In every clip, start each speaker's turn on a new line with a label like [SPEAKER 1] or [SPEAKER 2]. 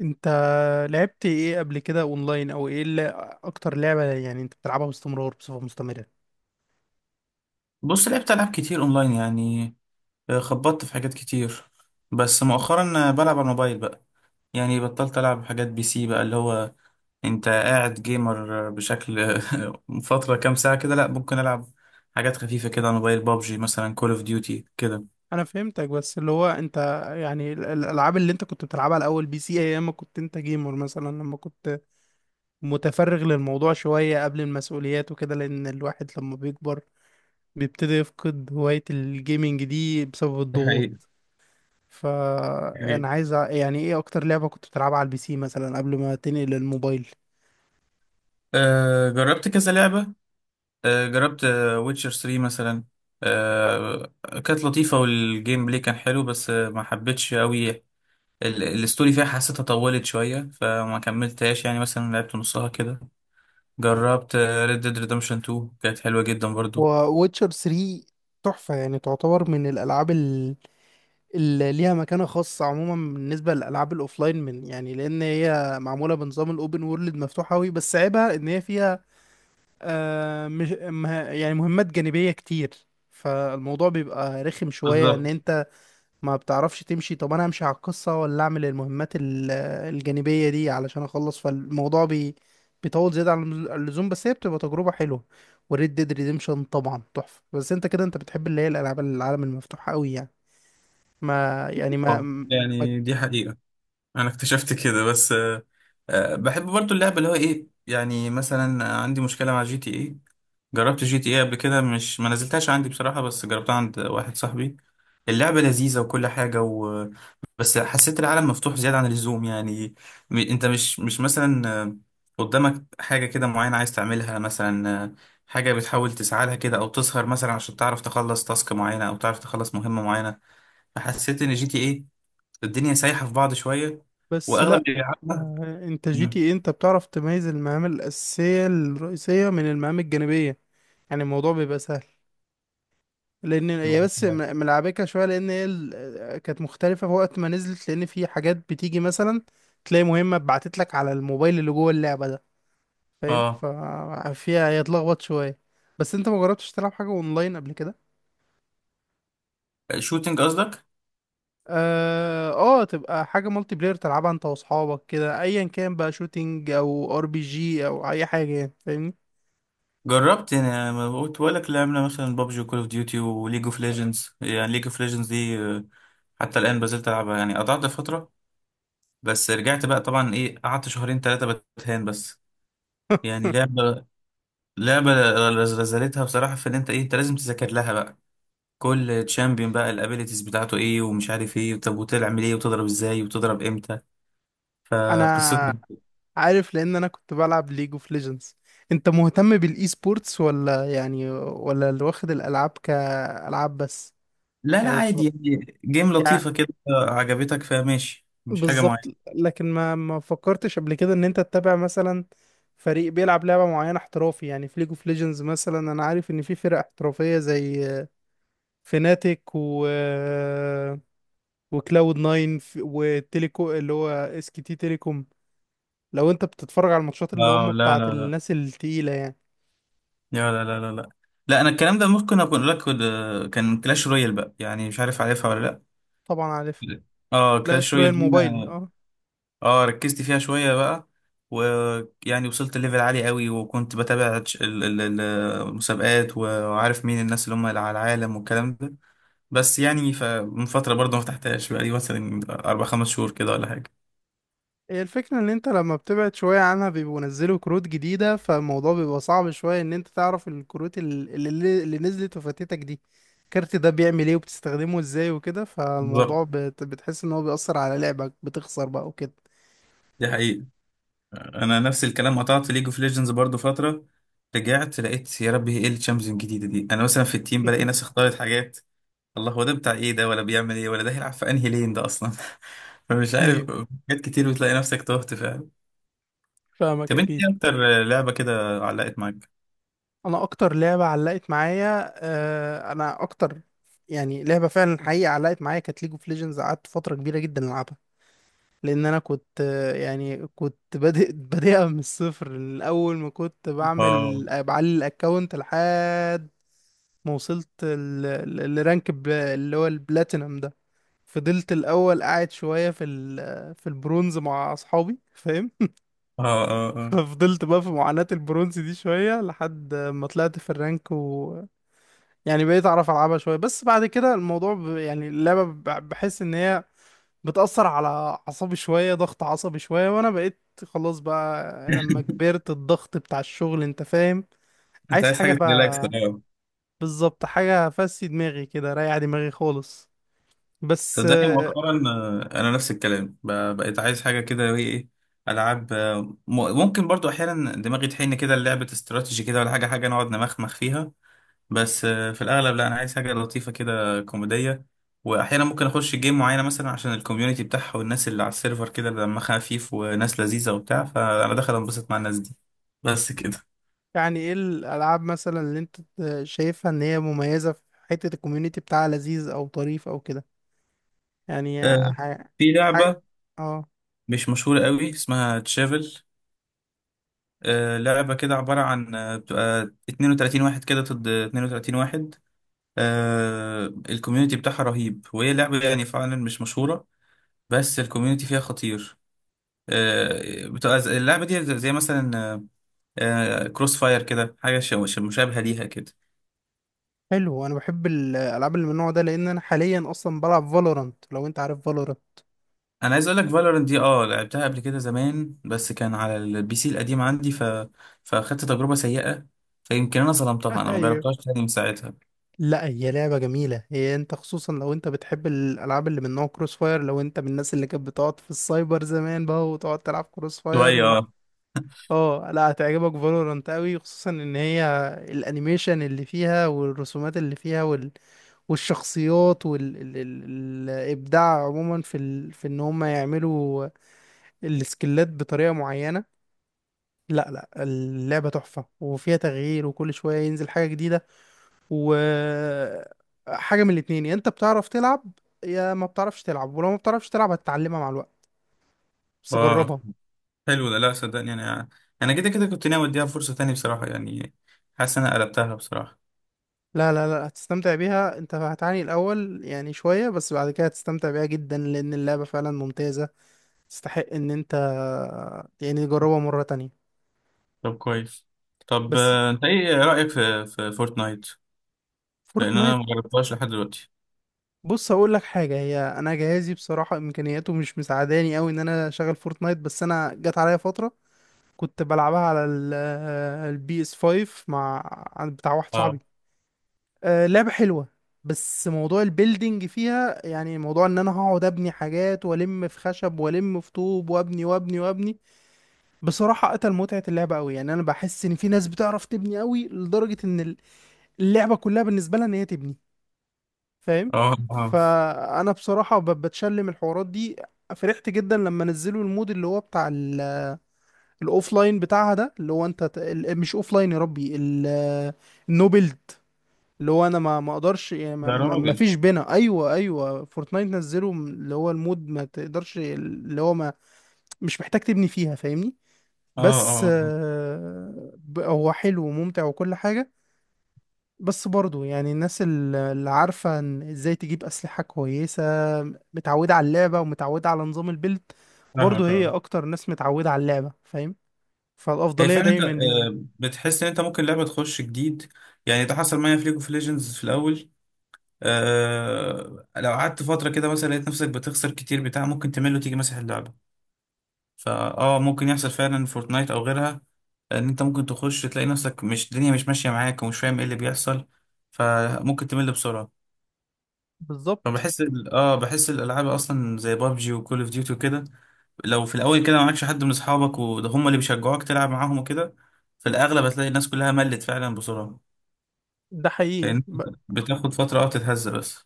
[SPEAKER 1] انت لعبت ايه قبل كده اونلاين، او ايه اللي اكتر لعبة يعني انت بتلعبها باستمرار بصفة مستمرة؟
[SPEAKER 2] بص، لعبت ألعاب كتير أونلاين يعني خبطت في حاجات كتير. بس مؤخرا بلعب على الموبايل بقى. يعني بطلت ألعب حاجات بي سي بقى، اللي هو أنت قاعد جيمر بشكل فترة كام ساعة كده. لأ ممكن ألعب حاجات خفيفة كده على الموبايل، بابجي مثلا، كول أوف ديوتي كده.
[SPEAKER 1] انا فهمتك، بس اللي هو انت يعني الالعاب اللي انت كنت بتلعبها الاول بي سي، ايام ما كنت انت جيمر مثلا، لما كنت متفرغ للموضوع شوية قبل المسؤوليات وكده، لان الواحد لما بيكبر بيبتدي يفقد هواية الجيمنج دي بسبب
[SPEAKER 2] ده
[SPEAKER 1] الضغوط.
[SPEAKER 2] حقيقي. حقيقي.
[SPEAKER 1] فانا عايز يعني ايه اكتر لعبة كنت بتلعبها على البي سي مثلا قبل ما تنقل للموبايل؟
[SPEAKER 2] أه جربت كذا لعبة. أه جربت ويتشر 3 مثلا. أه كانت لطيفة، والجيم بلاي كان حلو، بس ما حبيتش قوي. الستوري فيها حسيتها طولت شوية فما كملتهاش، يعني مثلا لعبت نصها كده. جربت ريد ديد ريدمشن 2، كانت حلوة جدا برضو.
[SPEAKER 1] وويتشر 3 تحفة يعني، تعتبر من الألعاب اللي ليها مكانة خاصة عموما بالنسبة للألعاب الأوفلاين، من يعني، لأن هي معمولة بنظام الأوبن وورلد مفتوح أوي، بس عيبها إن هي فيها مش يعني مهمات جانبية كتير، فالموضوع بيبقى رخم شوية إن
[SPEAKER 2] بالظبط.
[SPEAKER 1] أنت ما بتعرفش تمشي. طب انا امشي على القصة ولا اعمل المهمات الجانبية دي علشان اخلص؟ فالموضوع بيطول زيادة عن اللزوم، بس هي بتبقى تجربة حلوة. وريد ديد ريديمشن طبعا تحفة، بس انت كده انت بتحب اللي هي الالعاب العالم المفتوح قوي يعني، ما يعني ما
[SPEAKER 2] اه
[SPEAKER 1] ما-
[SPEAKER 2] يعني دي حقيقة. أنا اكتشفت كده، بس بحب برضو اللعبة، اللي هو إيه، يعني مثلا عندي مشكلة مع جي تي إيه. جربت جي تي ايه قبل كده، مش ما نزلتهاش عندي بصراحة بس جربتها عند واحد صاحبي. اللعبة لذيذة وكل حاجة بس حسيت العالم مفتوح زيادة عن اللزوم يعني. انت مش مثلا قدامك حاجة كده معينة عايز تعملها مثلا حاجة بتحاول تسعى لها كده، او تسهر مثلا عشان تعرف تخلص تاسك معينة او تعرف تخلص مهمة معينة. فحسيت ان جي تي ايه الدنيا سايحة في بعض شوية.
[SPEAKER 1] بس
[SPEAKER 2] واغلب
[SPEAKER 1] لا.
[SPEAKER 2] اللي بيلعبها
[SPEAKER 1] انت جي تي
[SPEAKER 2] مم.
[SPEAKER 1] ايه انت بتعرف تميز المهام الاساسية الرئيسية من المهام الجانبية، يعني الموضوع بيبقى سهل. لان هي بس ملعبكه شويه، لان هي كانت مختلفه في وقت ما نزلت، لان في حاجات بتيجي مثلا تلاقي مهمه اتبعتت لك على الموبايل اللي جوه اللعبه ده، فاهم؟
[SPEAKER 2] اه،
[SPEAKER 1] ففيها هي اتلخبط شويه. بس انت ما جربتش تلعب حاجه اونلاين قبل كده؟
[SPEAKER 2] شوتينج قصدك؟
[SPEAKER 1] اه، تبقى حاجه مالتي بلاير تلعبها انت واصحابك كده، ايا كان بقى شوتينج او ار بي جي او اي حاجه، يعني فاهمني؟
[SPEAKER 2] جربت، يعني ما قلت لك لعبنا مثلا بابجي وكول اوف ديوتي وليج اوف ليجندز. يعني ليج اوف ليجندز دي حتى الان بزلت العبها يعني. قطعت فتره بس رجعت بقى طبعا، ايه، قعدت شهرين ثلاثه بتهان بس. يعني لعبه لعبه رزلتها بصراحه، في ان انت، ايه، انت لازم تذاكر لها بقى. كل تشامبيون بقى الابيليتيز بتاعته ايه ومش عارف ايه، طب وتعمل ايه وتضرب ازاي وتضرب امتى؟
[SPEAKER 1] انا
[SPEAKER 2] فقصته.
[SPEAKER 1] عارف، لان انا كنت بلعب ليج اوف ليجندز. انت مهتم بالاي سبورتس ولا يعني، ولا اللي واخد الالعاب كالعاب بس؟
[SPEAKER 2] لا لا،
[SPEAKER 1] يعني مف...
[SPEAKER 2] عادي يعني، جيم
[SPEAKER 1] يعني
[SPEAKER 2] لطيفه كده عجبتك فماشي، مش حاجه
[SPEAKER 1] بالظبط.
[SPEAKER 2] معينه.
[SPEAKER 1] لكن ما فكرتش قبل كده ان انت تتابع مثلا فريق بيلعب لعبة معينة احترافي، يعني في ليج اوف ليجندز مثلا انا عارف ان في فرق احترافية زي فيناتيك وكلاود ناين، وتيليكو اللي هو اس كي تي تيليكوم. لو انت بتتفرج على الماتشات اللي هم
[SPEAKER 2] اه، لا
[SPEAKER 1] بتاعت
[SPEAKER 2] لا لا
[SPEAKER 1] الناس التقيلة يعني؟
[SPEAKER 2] لا لا لا لا لا لا. انا الكلام ده ممكن اكون لك كان كلاش رويال بقى، يعني مش عارف، عارفها ولا لا.
[SPEAKER 1] طبعا عارف.
[SPEAKER 2] لا. اه
[SPEAKER 1] لا،
[SPEAKER 2] كلاش
[SPEAKER 1] شراء
[SPEAKER 2] رويال دي
[SPEAKER 1] الموبايل، اه.
[SPEAKER 2] اه ركزت فيها شويه بقى. ويعني وصلت ليفل عالي قوي، وكنت بتابع المسابقات، وعارف مين الناس اللي على العالم والكلام ده. بس يعني فمن فتره برضه ما فتحتهاش بقى لي، مثلا اربع خمس شهور كده ولا حاجه.
[SPEAKER 1] هي الفكرة ان انت لما بتبعد شوية عنها بيبقوا نزلوا كروت جديدة، فالموضوع بيبقى صعب شوية ان انت تعرف الكروت اللي نزلت وفاتتك دي، الكارت ده بيعمل ايه وبتستخدمه ازاي وكده،
[SPEAKER 2] بالظبط.
[SPEAKER 1] فالموضوع بتحس ان هو بيأثر على لعبك، بتخسر بقى وكده.
[SPEAKER 2] دي حقيقة. انا نفس الكلام قطعت ليج اوف ليجندز برضو فتره، رجعت لقيت يا ربي، هي ايه الشامبيونز الجديده دي؟ انا مثلا في التيم بلاقي ناس اختارت حاجات، الله، هو ده بتاع ايه ده؟ ولا بيعمل ايه؟ ولا ده هيلعب في انهي لين ده اصلا؟ فمش عارف.
[SPEAKER 1] ايوه،
[SPEAKER 2] حاجات كتير بتلاقي نفسك تهت فعلا.
[SPEAKER 1] فاهمك
[SPEAKER 2] طب انت
[SPEAKER 1] اكيد.
[SPEAKER 2] ايه اكتر لعبه كده علقت معاك؟
[SPEAKER 1] انا اكتر لعبة علقت معايا، آه انا اكتر يعني لعبة فعلا حقيقة علقت معايا كانت ليج اوف ليجندز. قعدت فترة كبيرة جدا العبها، لان انا كنت يعني كنت بادئ بادئها من الصفر، من اول ما كنت
[SPEAKER 2] اه
[SPEAKER 1] بعمل بعلي الاكونت لحد ما وصلت الرانك اللي هو البلاتينم ده. فضلت الاول قاعد شويه في في البرونز مع اصحابي، فاهم؟
[SPEAKER 2] اه اه اه.
[SPEAKER 1] ففضلت بقى في معاناه البرونز دي شويه لحد ما طلعت في الرانك، و يعني بقيت اعرف العبها شويه. بس بعد كده الموضوع يعني اللعبه بحس ان هي بتأثر على أعصابي شوية، ضغط عصبي شوية، وأنا بقيت خلاص بقى لما كبرت الضغط بتاع الشغل، أنت فاهم؟
[SPEAKER 2] انت
[SPEAKER 1] عايز
[SPEAKER 2] عايز
[SPEAKER 1] حاجة
[SPEAKER 2] حاجه تريلاكس،
[SPEAKER 1] بقى،
[SPEAKER 2] اه.
[SPEAKER 1] بالظبط، حاجة فسي دماغي كده، ريح دماغي خالص. بس
[SPEAKER 2] صدقني مؤخرا انا نفس الكلام، بقيت عايز حاجه كده، ايه إيه، العاب ممكن برضو احيانا دماغي تحن كده لعبه استراتيجي كده، ولا حاجه نقعد نمخمخ فيها، بس في الاغلب لا، انا عايز حاجه لطيفه كده كوميديه. واحيانا ممكن اخش جيم معينه مثلا عشان الكوميونتي بتاعها والناس اللي على السيرفر كده دمها خفيف وناس لذيذه وبتاع، فانا داخل انبسط مع الناس دي، بس كده.
[SPEAKER 1] يعني إيه الألعاب مثلا اللي أنت شايفها إن هي مميزة في حتة الكوميونيتي بتاعها، لذيذ أو طريف أو كده، يعني
[SPEAKER 2] آه،
[SPEAKER 1] حاجة.
[SPEAKER 2] في
[SPEAKER 1] حاجة
[SPEAKER 2] لعبه
[SPEAKER 1] آه
[SPEAKER 2] مش مشهوره قوي اسمها تشافل. لعبة كده عبارة عن بتبقى 32 واحد كده ضد 32 واحد. الكوميونتي بتاعها رهيب، وهي لعبة يعني فعلا مش مشهورة، بس الكوميونتي فيها خطير. بتبقى اللعبة دي زي مثلا كروس فاير كده، حاجة مشابهة ليها كده.
[SPEAKER 1] حلو، أنا بحب الألعاب اللي من النوع ده، لأن أنا حاليا أصلا بلعب فالورانت، لو أنت عارف فالورانت.
[SPEAKER 2] أنا عايز أقول لك فالورنت دي، أه لعبتها قبل كده زمان بس كان على البي سي القديم عندي فأخدت تجربة سيئة، فيمكن أنا ظلمتها، أنا مجربتهاش تاني من ساعتها.
[SPEAKER 1] لا، هي لعبة جميلة. هي انت خصوصا لو انت بتحب الالعاب اللي من نوع كروس فاير، لو انت من الناس اللي كانت بتقعد في السايبر زمان بقى وتقعد تلعب كروس فاير
[SPEAKER 2] شوية اه.
[SPEAKER 1] اه، لا، هتعجبك فالورانت قوي، خصوصا ان هي الانيميشن اللي فيها والرسومات اللي فيها والشخصيات والابداع عموما في في ان هم يعملوا السكيلات بطريقة معينة. لا لا، اللعبة تحفة وفيها تغيير وكل شوية ينزل حاجة جديدة. وحاجة من الاتنين، يا انت بتعرف تلعب يا ما بتعرفش تلعب، ولو ما بتعرفش تلعب هتتعلمها مع الوقت، بس
[SPEAKER 2] آه.
[SPEAKER 1] جربها.
[SPEAKER 2] حلو ده. لا صدقني، انا كده كده كنت ناوي اديها فرصة تانية بصراحة، يعني حاسس إن انا قلبتها بصراحة.
[SPEAKER 1] لا لا لا، هتستمتع بيها، انت هتعاني الاول يعني شوية بس بعد كده هتستمتع بيها جدا لان اللعبة فعلا ممتازة، تستحق ان انت يعني تجربها مرة تانية.
[SPEAKER 2] طب كويس. طب
[SPEAKER 1] بس
[SPEAKER 2] انت ايه رأيك في فورتنايت؟ لان انا
[SPEAKER 1] فورتنايت،
[SPEAKER 2] ما جربتهاش لحد دلوقتي.
[SPEAKER 1] بص هقول لك حاجة: هي انا جهازي بصراحة امكانياته مش مساعداني قوي ان انا اشغل فورتنايت، بس انا جت عليا فترة كنت بلعبها على البي اس 5 مع عند بتاع واحد
[SPEAKER 2] اه
[SPEAKER 1] صاحبي. لعبة حلوة، بس موضوع البيلدينج فيها يعني، موضوع ان انا هقعد ابني حاجات والم في خشب والم في طوب وابني وابني وابني بصراحة قتل متعة اللعبة قوي. يعني انا بحس ان في ناس بتعرف تبني قوي لدرجة ان اللعبة كلها بالنسبة لها ان هي تبني، فاهم؟
[SPEAKER 2] اه اه،
[SPEAKER 1] فانا بصراحة بتشلم الحوارات دي. فرحت جدا لما نزلوا المود اللي هو بتاع الاوفلاين بتاعها ده، اللي هو انت مش اوفلاين يا ربي، النوبلد، اللي هو انا ما اقدرش يعني
[SPEAKER 2] يا
[SPEAKER 1] ما
[SPEAKER 2] راجل.
[SPEAKER 1] فيش بينا. ايوه ايوه، فورتنايت نزلوا اللي هو المود ما تقدرش، اللي هو ما مش محتاج تبني فيها، فاهمني؟
[SPEAKER 2] اه
[SPEAKER 1] بس
[SPEAKER 2] اه. آه.
[SPEAKER 1] هو حلو وممتع وكل حاجة. بس برضه يعني الناس اللي عارفة إن ازاي تجيب أسلحة كويسة، متعودة على اللعبة ومتعودة على نظام البيلد، برضه
[SPEAKER 2] فاهمك،
[SPEAKER 1] هي
[SPEAKER 2] اه.
[SPEAKER 1] أكتر ناس متعودة على اللعبة، فاهم؟
[SPEAKER 2] هي
[SPEAKER 1] فالأفضلية
[SPEAKER 2] فعلا انت
[SPEAKER 1] دايما ليهم.
[SPEAKER 2] بتحس ان انت ممكن لعبة تخش جديد، يعني ده حصل معايا في ليج اوف ليجندز في الاول. آه، لو قعدت فترة كده مثلا لقيت نفسك بتخسر كتير بتاع، ممكن تمل وتيجي مسح اللعبة. فاه ممكن يحصل فعلا، فورتنايت او غيرها، ان انت ممكن تخش تلاقي نفسك مش الدنيا مش ماشيه معاك ومش فاهم ايه اللي بيحصل، فممكن تمل بسرعه.
[SPEAKER 1] بالظبط،
[SPEAKER 2] فبحس ال- اه بحس الالعاب اصلا زي بابجي وكول اوف ديوتي وكده، لو في الاول كده معكش حد من اصحابك وده هم اللي بيشجعوك تلعب معاهم وكده، في الاغلب هتلاقي الناس كلها ملت فعلا بسرعه،
[SPEAKER 1] ده حقيقي.
[SPEAKER 2] لان بتاخد فتره تتهز بس.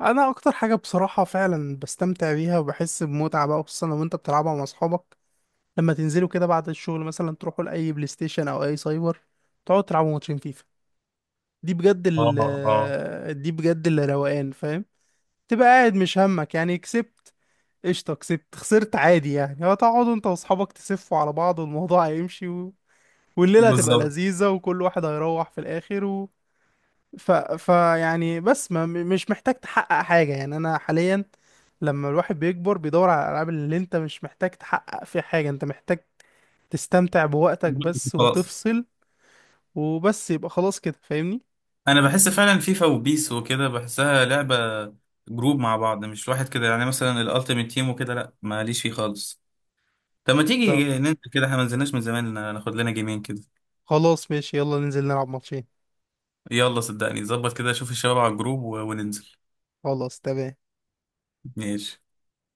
[SPEAKER 1] انا اكتر حاجه بصراحه فعلا بستمتع بيها وبحس بمتعه بقى، خصوصا لو انت بتلعبها مع اصحابك، لما تنزلوا كده بعد الشغل مثلا تروحوا لاي بلاي ستيشن او اي سايبر، تقعدوا تلعبوا ماتشين فيفا.
[SPEAKER 2] اه اه.
[SPEAKER 1] دي بجد اللي روقان، فاهم؟ تبقى قاعد مش همك يعني، كسبت قشطه، كسبت خسرت عادي، يعني هو تقعدوا انت واصحابك تسفوا على بعض والموضوع هيمشي والليله هتبقى
[SPEAKER 2] بالظبط.
[SPEAKER 1] لذيذه وكل واحد هيروح في الاخر. فيعني بس ما... م- مش محتاج تحقق حاجة، يعني أنا حاليا لما الواحد بيكبر بيدور على الألعاب اللي أنت مش محتاج تحقق فيها حاجة، أنت محتاج تستمتع بوقتك بس
[SPEAKER 2] خلاص.
[SPEAKER 1] وتفصل، وبس يبقى خلاص كده، فاهمني؟
[SPEAKER 2] انا بحس فعلا فيفا وبيس وكده بحسها لعبه جروب مع بعض، مش واحد كده، يعني مثلا الالتيميت تيم وكده لا ماليش فيه خالص. طب ما تيجي
[SPEAKER 1] طب
[SPEAKER 2] ننزل كده، احنا ما نزلناش من زمان، ناخد لنا جيمين كده.
[SPEAKER 1] خلاص ماشي، يلا ننزل نلعب ماتشين.
[SPEAKER 2] يلا صدقني، ظبط كده، شوف الشباب على الجروب وننزل.
[SPEAKER 1] خلاص تمام.
[SPEAKER 2] ماشي